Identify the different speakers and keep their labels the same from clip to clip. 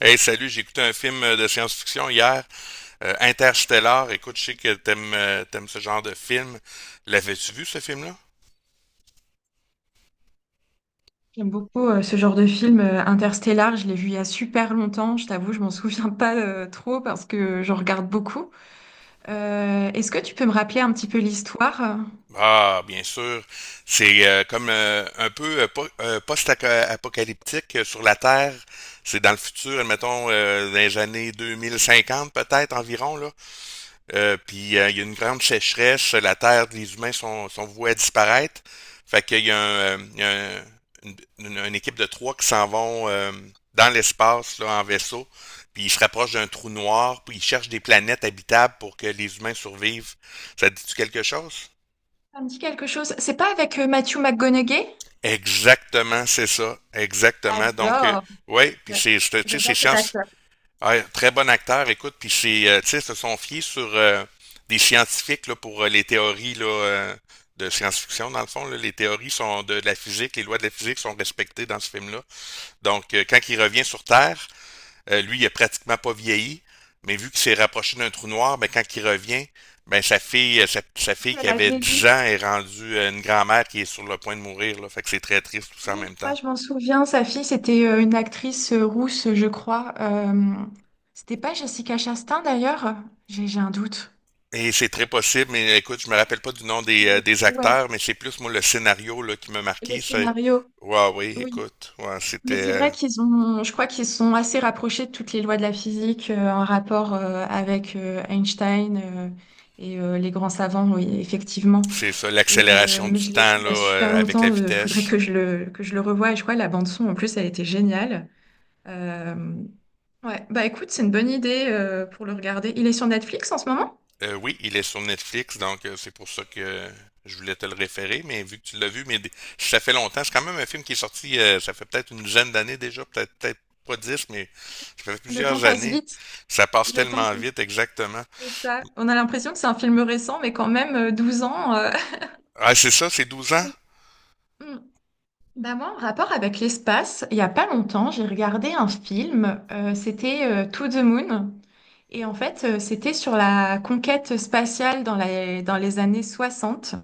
Speaker 1: Hey, salut, j'ai écouté un film de science-fiction hier, Interstellar. Écoute, je sais que t'aimes ce genre de film. L'avais-tu vu, ce film-là?
Speaker 2: J'aime beaucoup ce genre de film, Interstellar, je l'ai vu il y a super longtemps, je t'avoue, je m'en souviens pas trop parce que j'en regarde beaucoup. Est-ce que tu peux me rappeler un petit peu l'histoire?
Speaker 1: Ah, bien sûr. C'est comme un peu post-apocalyptique sur la Terre. C'est dans le futur, admettons, dans les années 2050, peut-être environ, là. Puis il y a une grande sécheresse, la terre, les humains sont voués à disparaître. Fait qu'il y a, un, une, une équipe de 3 qui s'en vont dans l'espace, là, en vaisseau. Puis ils se rapprochent d'un trou noir, puis ils cherchent des planètes habitables pour que les humains survivent. Ça te dit-tu quelque chose?
Speaker 2: Ça me dit quelque chose. C'est pas avec Matthew McConaughey?
Speaker 1: Exactement, c'est ça. Exactement. Donc,
Speaker 2: J'adore.
Speaker 1: ouais, puis
Speaker 2: J'a-
Speaker 1: tu sais,
Speaker 2: J'adore
Speaker 1: c'est
Speaker 2: cet
Speaker 1: science.
Speaker 2: acteur.
Speaker 1: Ouais, très bon acteur, écoute, puis c'est, tu sais, se sont fiés sur des scientifiques là, pour les théories là, de science-fiction, dans le fond. Là, les théories sont de la physique, les lois de la physique sont respectées dans ce film-là. Donc, quand il revient sur Terre, lui, il a pratiquement pas vieilli, mais vu qu'il s'est rapproché d'un trou noir, ben, quand il revient, ben, sa fille, sa fille qui
Speaker 2: Elle a
Speaker 1: avait
Speaker 2: vieilli.
Speaker 1: 10 ans est rendue une grand-mère qui est sur le point de mourir. Là, fait que c'est très triste tout ça en
Speaker 2: Oui, je
Speaker 1: même
Speaker 2: crois,
Speaker 1: temps.
Speaker 2: je m'en souviens. Sa fille, c'était une actrice rousse, je crois. C'était pas Jessica Chastain d'ailleurs? J'ai un doute.
Speaker 1: Et c'est très possible, mais écoute, je me rappelle pas du nom
Speaker 2: Mais
Speaker 1: des
Speaker 2: ouais,
Speaker 1: acteurs, mais c'est plus moi le scénario là, qui m'a
Speaker 2: le
Speaker 1: marqué. C'est
Speaker 2: scénario.
Speaker 1: ouais, oui,
Speaker 2: Oui.
Speaker 1: écoute, ouais,
Speaker 2: Mais c'est
Speaker 1: c'était
Speaker 2: vrai qu'ils ont, je crois qu'ils sont assez rapprochés de toutes les lois de la physique en rapport avec Einstein, et les grands savants, oui, effectivement.
Speaker 1: c'est ça,
Speaker 2: Et,
Speaker 1: l'accélération
Speaker 2: mais
Speaker 1: du
Speaker 2: je l'ai vu
Speaker 1: temps
Speaker 2: il
Speaker 1: là,
Speaker 2: y a super
Speaker 1: avec la
Speaker 2: longtemps, il faudrait
Speaker 1: vitesse.
Speaker 2: que je le revoie. Et je crois que la bande-son, en plus, elle était géniale. Euh, ouais, bah écoute, c'est une bonne idée pour le regarder. Il est sur Netflix en ce moment?
Speaker 1: Oui, il est sur Netflix, donc c'est pour ça que je voulais te le référer, mais vu que tu l'as vu, ça fait longtemps. C'est quand même un film qui est sorti, ça fait peut-être une dizaine d'années déjà, peut-être pas dix, mais ça fait
Speaker 2: Le temps
Speaker 1: plusieurs
Speaker 2: passe
Speaker 1: années.
Speaker 2: vite.
Speaker 1: Ça passe
Speaker 2: Le temps
Speaker 1: tellement
Speaker 2: passe
Speaker 1: vite,
Speaker 2: vite,
Speaker 1: exactement.
Speaker 2: c'est ça. On a l'impression que c'est un film récent, mais quand même, 12 ans.
Speaker 1: Ah, c'est ça, c'est 12 ans?
Speaker 2: Oui. Mm. Bah moi, en rapport avec l'espace, il y a pas longtemps, j'ai regardé un film, c'était To the Moon, et en fait, c'était sur la conquête spatiale dans dans les années 60.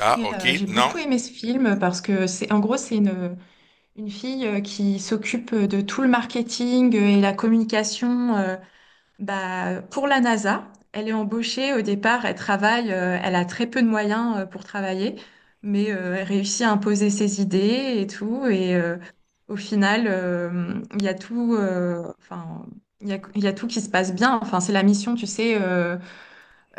Speaker 1: Ah,
Speaker 2: Et
Speaker 1: ok,
Speaker 2: j'ai
Speaker 1: non.
Speaker 2: beaucoup aimé ce film parce que c'est, en gros, c'est une fille qui s'occupe de tout le marketing et la communication, bah, pour la NASA, elle est embauchée au départ, elle travaille, elle a très peu de moyens pour travailler, mais elle réussit à imposer ses idées et tout. Et au final, il y a tout, enfin, il y a tout qui se passe bien. Enfin, c'est la mission, tu sais,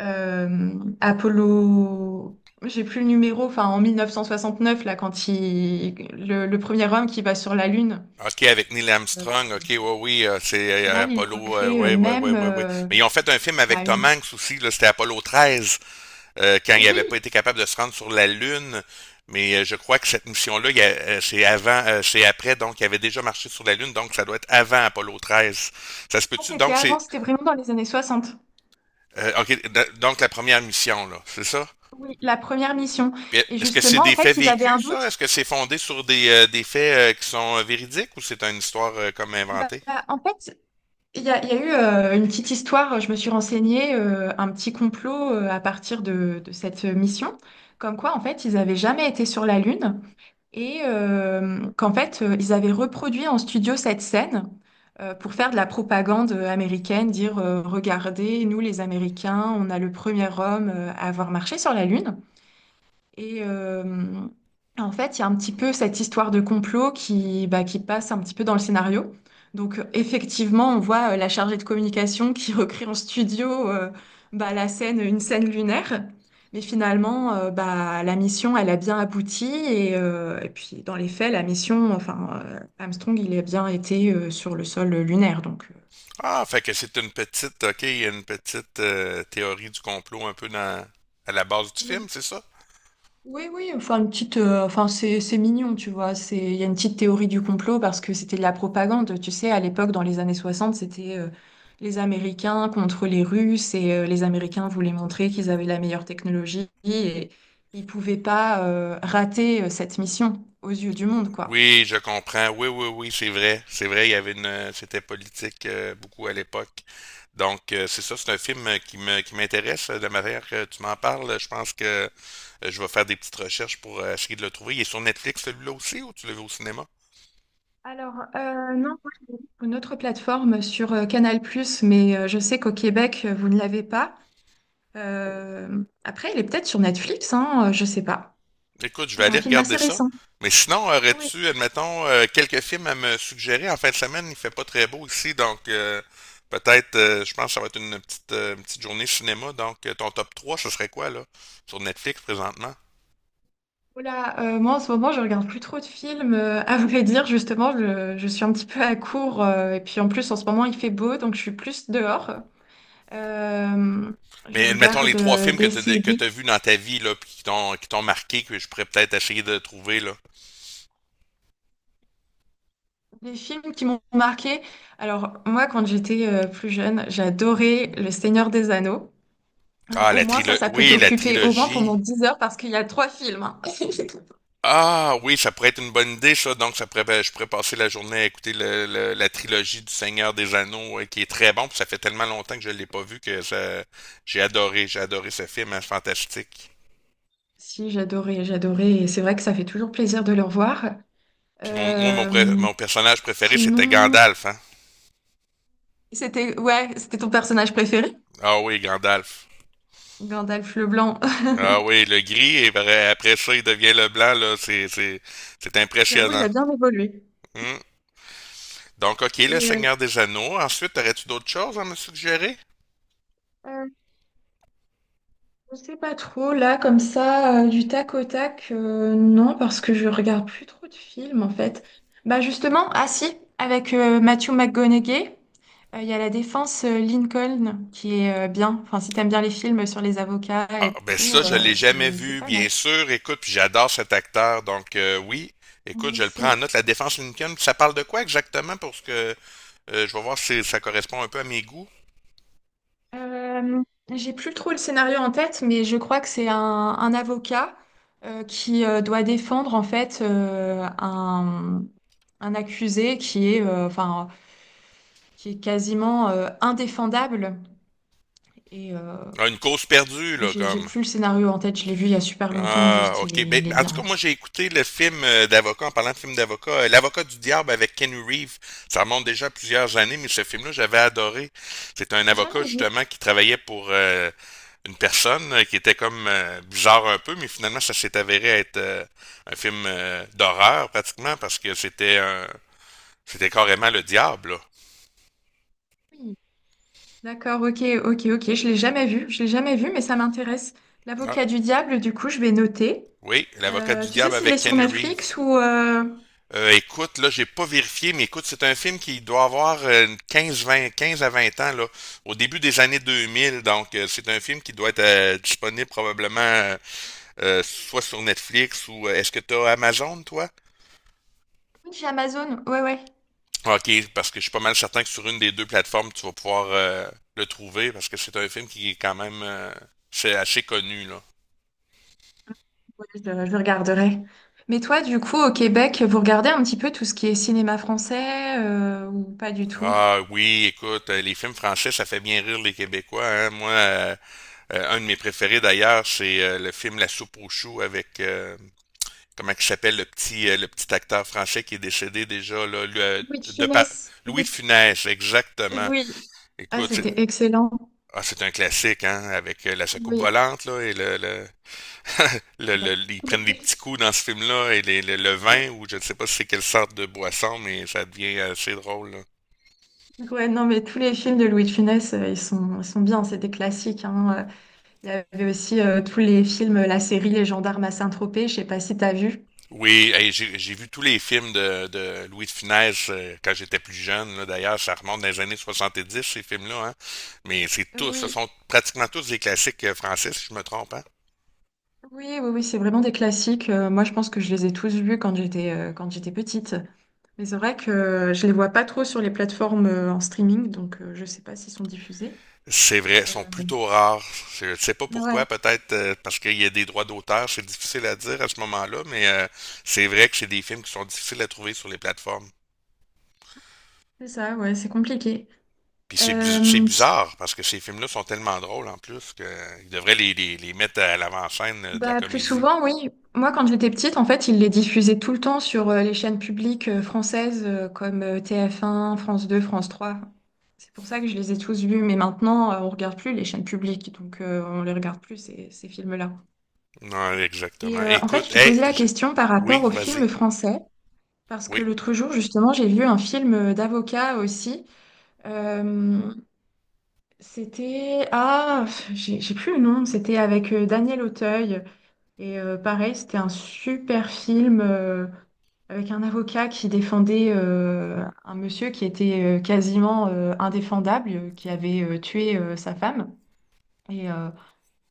Speaker 2: euh, Apollo, j'ai plus le numéro, enfin, en 1969, là, quand il, le premier homme qui va sur la Lune,
Speaker 1: OK, avec Neil
Speaker 2: euh,
Speaker 1: Armstrong, OK, ouais, oui,
Speaker 2: au
Speaker 1: c'est
Speaker 2: final, il
Speaker 1: Apollo,
Speaker 2: recrée,
Speaker 1: ouais, ouais, ouais,
Speaker 2: même
Speaker 1: ouais, ouais. Mais ils ont fait un film avec
Speaker 2: bah, une.
Speaker 1: Tom Hanks aussi, là, c'était Apollo 13, quand il
Speaker 2: Oui,
Speaker 1: n'avait pas été capable de se rendre sur la Lune. Mais je crois que cette mission-là, c'est avant, c'est après, donc il avait déjà marché sur la Lune, donc ça doit être avant Apollo 13. Ça se peut-tu?
Speaker 2: c'était
Speaker 1: Donc
Speaker 2: avant,
Speaker 1: c'est,
Speaker 2: c'était vraiment dans les années 60.
Speaker 1: donc la première mission, là, c'est ça?
Speaker 2: Oui, la première mission.
Speaker 1: Puis,
Speaker 2: Et
Speaker 1: est-ce que c'est
Speaker 2: justement, en
Speaker 1: des
Speaker 2: fait,
Speaker 1: faits
Speaker 2: ils avaient un
Speaker 1: vécus, ça?
Speaker 2: doute.
Speaker 1: Est-ce que c'est fondé sur des faits qui sont véridiques ou c'est une histoire comme
Speaker 2: Bah,
Speaker 1: inventée?
Speaker 2: bah, en fait, il y a eu une petite histoire, je me suis renseignée, un petit complot à partir de cette mission, comme quoi, en fait, ils n'avaient jamais été sur la Lune et qu'en fait, ils avaient reproduit en studio cette scène pour faire de la propagande américaine, dire, regardez, nous, les Américains, on a le premier homme à avoir marché sur la Lune. Et en fait, il y a un petit peu cette histoire de complot qui, bah, qui passe un petit peu dans le scénario. Donc, effectivement, on voit la chargée de communication qui recrée en studio, bah, la scène, une scène lunaire. Mais finalement, bah, la mission, elle a bien abouti. Et puis, dans les faits, la mission, enfin, Armstrong, il a bien été sur le sol lunaire. Donc,
Speaker 1: Ah, fait que c'est une petite, ok, il y a une petite théorie du complot un peu dans, à la base du
Speaker 2: oui.
Speaker 1: film, c'est ça?
Speaker 2: Oui, oui, enfin une petite, enfin c'est mignon, tu vois. C'est il y a une petite théorie du complot parce que c'était de la propagande, tu sais. À l'époque, dans les années 60, c'était les Américains contre les Russes et les Américains voulaient montrer qu'ils avaient la meilleure technologie et ils pouvaient pas rater cette mission aux yeux du monde, quoi.
Speaker 1: Oui, je comprends. Oui, oui, oui, c'est vrai. C'est vrai, il y avait une, c'était politique beaucoup à l'époque. Donc, c'est ça, c'est un film qui m'intéresse. Euh, de manière que tu m'en parles, je pense que je vais faire des petites recherches pour essayer de le trouver. Il est sur Netflix, celui-là aussi, ou tu le vu au cinéma?
Speaker 2: Alors, non. Une autre plateforme sur Canal+, mais je sais qu'au Québec, vous ne l'avez pas. Après, il est peut-être sur Netflix, hein, je sais pas.
Speaker 1: Écoute, je vais
Speaker 2: C'est un
Speaker 1: aller
Speaker 2: film assez
Speaker 1: regarder ça.
Speaker 2: récent.
Speaker 1: Mais sinon,
Speaker 2: Oui,
Speaker 1: aurais-tu, admettons, quelques films à me suggérer? En fin de semaine, il fait pas très beau ici, donc peut-être, je pense que ça va être une petite journée cinéma. Donc, ton top 3, ce serait quoi, là, sur Netflix présentement?
Speaker 2: oula, moi en ce moment je regarde plus trop de films. À vrai dire, justement, je suis un petit peu à court. Et puis en plus en ce moment il fait beau, donc je suis plus dehors. Euh, je
Speaker 1: Mais admettons
Speaker 2: regarde
Speaker 1: les trois films
Speaker 2: des
Speaker 1: que
Speaker 2: séries,
Speaker 1: t'as vus dans ta vie, là, puis qui t'ont marqué, que je pourrais peut-être essayer de trouver, là.
Speaker 2: des films qui m'ont marqué. Alors moi quand j'étais plus jeune, j'adorais Le Seigneur des Anneaux.
Speaker 1: Ah,
Speaker 2: Au
Speaker 1: la
Speaker 2: moins ça,
Speaker 1: trilogie.
Speaker 2: ça peut
Speaker 1: Oui, la
Speaker 2: t'occuper au moins pendant
Speaker 1: trilogie.
Speaker 2: 10 heures parce qu'il y a 3 films, hein.
Speaker 1: Ah oui, ça pourrait être une bonne idée, ça. Donc, ça pourrait, ben, je pourrais passer la journée à écouter la trilogie du Seigneur des Anneaux, qui est très bon. Puis ça fait tellement longtemps que je l'ai pas vu que ça, j'ai adoré ce film, hein, c'est fantastique.
Speaker 2: Si, j'adorais. Et c'est vrai que ça fait toujours plaisir de le revoir.
Speaker 1: Puis
Speaker 2: Euh,
Speaker 1: mon personnage préféré, c'était
Speaker 2: sinon...
Speaker 1: Gandalf. Hein?
Speaker 2: C'était ouais, c'était ton personnage préféré?
Speaker 1: Ah oui, Gandalf.
Speaker 2: Gandalf le Blanc.
Speaker 1: Ah oui, le gris, après ça, il devient le blanc, là. C'est
Speaker 2: J'avoue, il
Speaker 1: impressionnant.
Speaker 2: a bien évolué.
Speaker 1: Hum. Donc, OK, le
Speaker 2: Et euh,
Speaker 1: Seigneur des Anneaux. Ensuite, aurais-tu d'autres choses à me suggérer?
Speaker 2: euh, je sais pas trop, là, comme ça, du tac au tac, non, parce que je regarde plus trop de films, en fait. Bah justement, ah si, avec Matthew McConaughey, il y a La Défense Lincoln, qui est bien. Enfin, si t'aimes bien les films sur les avocats
Speaker 1: Ah,
Speaker 2: et
Speaker 1: ben
Speaker 2: tout,
Speaker 1: ça, je l'ai jamais
Speaker 2: c'est
Speaker 1: vu,
Speaker 2: pas
Speaker 1: bien
Speaker 2: mal.
Speaker 1: sûr. Écoute, puis j'adore cet acteur, donc oui. Écoute,
Speaker 2: Moi
Speaker 1: je le prends en
Speaker 2: aussi.
Speaker 1: note. La défense Lincoln, ça parle de quoi exactement? Pour ce que je vais voir si ça correspond un peu à mes goûts.
Speaker 2: Euh, j'ai plus trop le scénario en tête, mais je crois que c'est un avocat qui doit défendre en fait un accusé qui est, enfin, qui est quasiment indéfendable. Et
Speaker 1: Ah, une cause perdue, là,
Speaker 2: j'ai
Speaker 1: comme.
Speaker 2: plus le scénario en tête, je l'ai vu il y a super longtemps,
Speaker 1: Ah,
Speaker 2: juste
Speaker 1: ok. Ben,
Speaker 2: il est
Speaker 1: en tout
Speaker 2: bien,
Speaker 1: cas, moi,
Speaker 2: quoi.
Speaker 1: j'ai écouté le film d'avocat, en parlant de film d'avocat, L'avocat du diable avec Ken Reeves. Ça remonte déjà à plusieurs années, mais ce film-là, j'avais adoré. C'est un avocat,
Speaker 2: Jamais vu.
Speaker 1: justement, qui travaillait pour une personne qui était comme bizarre un peu, mais finalement, ça s'est avéré être un film d'horreur, pratiquement, parce que c'était un... c'était carrément le diable, là.
Speaker 2: Oui. D'accord, ok, ok, ok, je l'ai jamais vu, je l'ai jamais vu, mais ça m'intéresse.
Speaker 1: Ah,
Speaker 2: L'avocat du diable, du coup, je vais noter.
Speaker 1: oui, L'avocat du
Speaker 2: Tu sais
Speaker 1: diable
Speaker 2: s'il est
Speaker 1: avec
Speaker 2: sur
Speaker 1: Ken Reeves.
Speaker 2: Netflix ou...
Speaker 1: Écoute, là, j'ai pas vérifié, mais écoute, c'est un film qui doit avoir 15, 20, 15 à 20 ans, là, au début des années 2000. Donc, c'est un film qui doit être disponible probablement soit sur Netflix ou est-ce que tu as Amazon, toi?
Speaker 2: Oui, j'ai Amazon, ouais, ouais.
Speaker 1: Ok, parce que je suis pas mal certain que sur une des deux plateformes, tu vas pouvoir le trouver parce que c'est un film qui est quand même c'est assez connu, là.
Speaker 2: Ouais, je regarderai. Mais toi, du coup, au Québec, vous regardez un petit peu tout ce qui est cinéma français ou pas du tout?
Speaker 1: Ah oui, écoute, les films français, ça fait bien rire les Québécois, hein. Moi, un de mes préférés d'ailleurs, c'est le film La soupe aux choux avec comment il s'appelle le petit acteur français qui est décédé déjà là, lui,
Speaker 2: Oui, de
Speaker 1: de Pa-
Speaker 2: finesse.
Speaker 1: Louis de
Speaker 2: Oui,
Speaker 1: Funès, exactement.
Speaker 2: oui, ah,
Speaker 1: Écoute, c'est
Speaker 2: c'était excellent.
Speaker 1: ah, c'est un classique, hein, avec la soucoupe
Speaker 2: Oui.
Speaker 1: volante là et ils
Speaker 2: Oui.
Speaker 1: prennent des petits coups dans ce film-là et le vin ou je ne sais pas si c'est quelle sorte de boisson, mais ça devient assez drôle.
Speaker 2: Ouais, non, mais tous les films de Louis de Funès, ils sont bien, c'est des classiques, hein. Il y avait aussi tous les films, la série Les Gendarmes à Saint-Tropez, je sais pas si t'as vu.
Speaker 1: Oui, hey, j'ai vu tous les films de Louis de Funès quand j'étais plus jeune. Là, d'ailleurs, ça remonte dans les années 70, ces films-là. Hein. Mais c'est tous, ce
Speaker 2: Oui.
Speaker 1: sont pratiquement tous des classiques français, si je me trompe. Hein.
Speaker 2: Oui, oui, oui, c'est vraiment des classiques. Moi, je pense que je les ai tous vus quand j'étais petite. Mais c'est vrai que je les vois pas trop sur les plateformes en streaming, donc je sais pas s'ils sont diffusés.
Speaker 1: C'est vrai, ils
Speaker 2: Euh,
Speaker 1: sont plutôt rares. Je ne sais pas
Speaker 2: ouais,
Speaker 1: pourquoi, peut-être parce qu'il y a des droits d'auteur, c'est difficile à dire à ce moment-là, mais c'est vrai que c'est des films qui sont difficiles à trouver sur les plateformes.
Speaker 2: c'est ça, ouais, c'est compliqué.
Speaker 1: Puis c'est
Speaker 2: Euh, si-
Speaker 1: bizarre, parce que ces films-là sont tellement drôles en plus qu'ils devraient les mettre à l'avant-scène de la
Speaker 2: bah, plus
Speaker 1: comédie.
Speaker 2: souvent, oui. Moi, quand j'étais petite, en fait, ils les diffusaient tout le temps sur les chaînes publiques françaises comme TF1, France 2, France 3. C'est pour ça que je les ai tous vus. Mais maintenant, on regarde plus les chaînes publiques, donc on les regarde plus, ces films-là.
Speaker 1: Non,
Speaker 2: Et
Speaker 1: exactement.
Speaker 2: en fait,
Speaker 1: Écoute,
Speaker 2: je te
Speaker 1: hey,
Speaker 2: posais la
Speaker 1: je-
Speaker 2: question par rapport
Speaker 1: oui,
Speaker 2: aux
Speaker 1: vas-y.
Speaker 2: films français. Parce que
Speaker 1: Oui.
Speaker 2: l'autre jour, justement, j'ai vu un film d'avocat aussi. Euh, c'était... Ah, j'ai plus le nom. C'était avec Daniel Auteuil. Et pareil, c'était un super film avec un avocat qui défendait un monsieur qui était quasiment indéfendable, qui avait tué sa femme. Et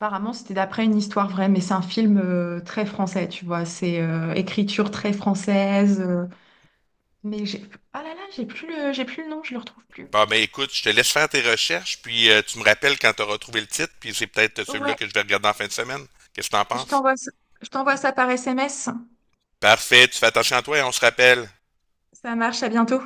Speaker 2: apparemment, c'était d'après une histoire vraie, mais c'est un film très français, tu vois. C'est écriture très française. Mais j'ai... ah là là, j'ai plus le nom, je le retrouve plus.
Speaker 1: Bon, ben écoute, je te laisse faire tes recherches, puis tu me rappelles quand tu auras trouvé le titre, puis c'est peut-être celui-là
Speaker 2: Ouais,
Speaker 1: que je vais regarder en fin de semaine. Qu'est-ce que t'en
Speaker 2: je
Speaker 1: penses?
Speaker 2: t'envoie ça, je t'envoie ça par SMS.
Speaker 1: Parfait, tu fais attention à toi et on se rappelle.
Speaker 2: Ça marche, à bientôt.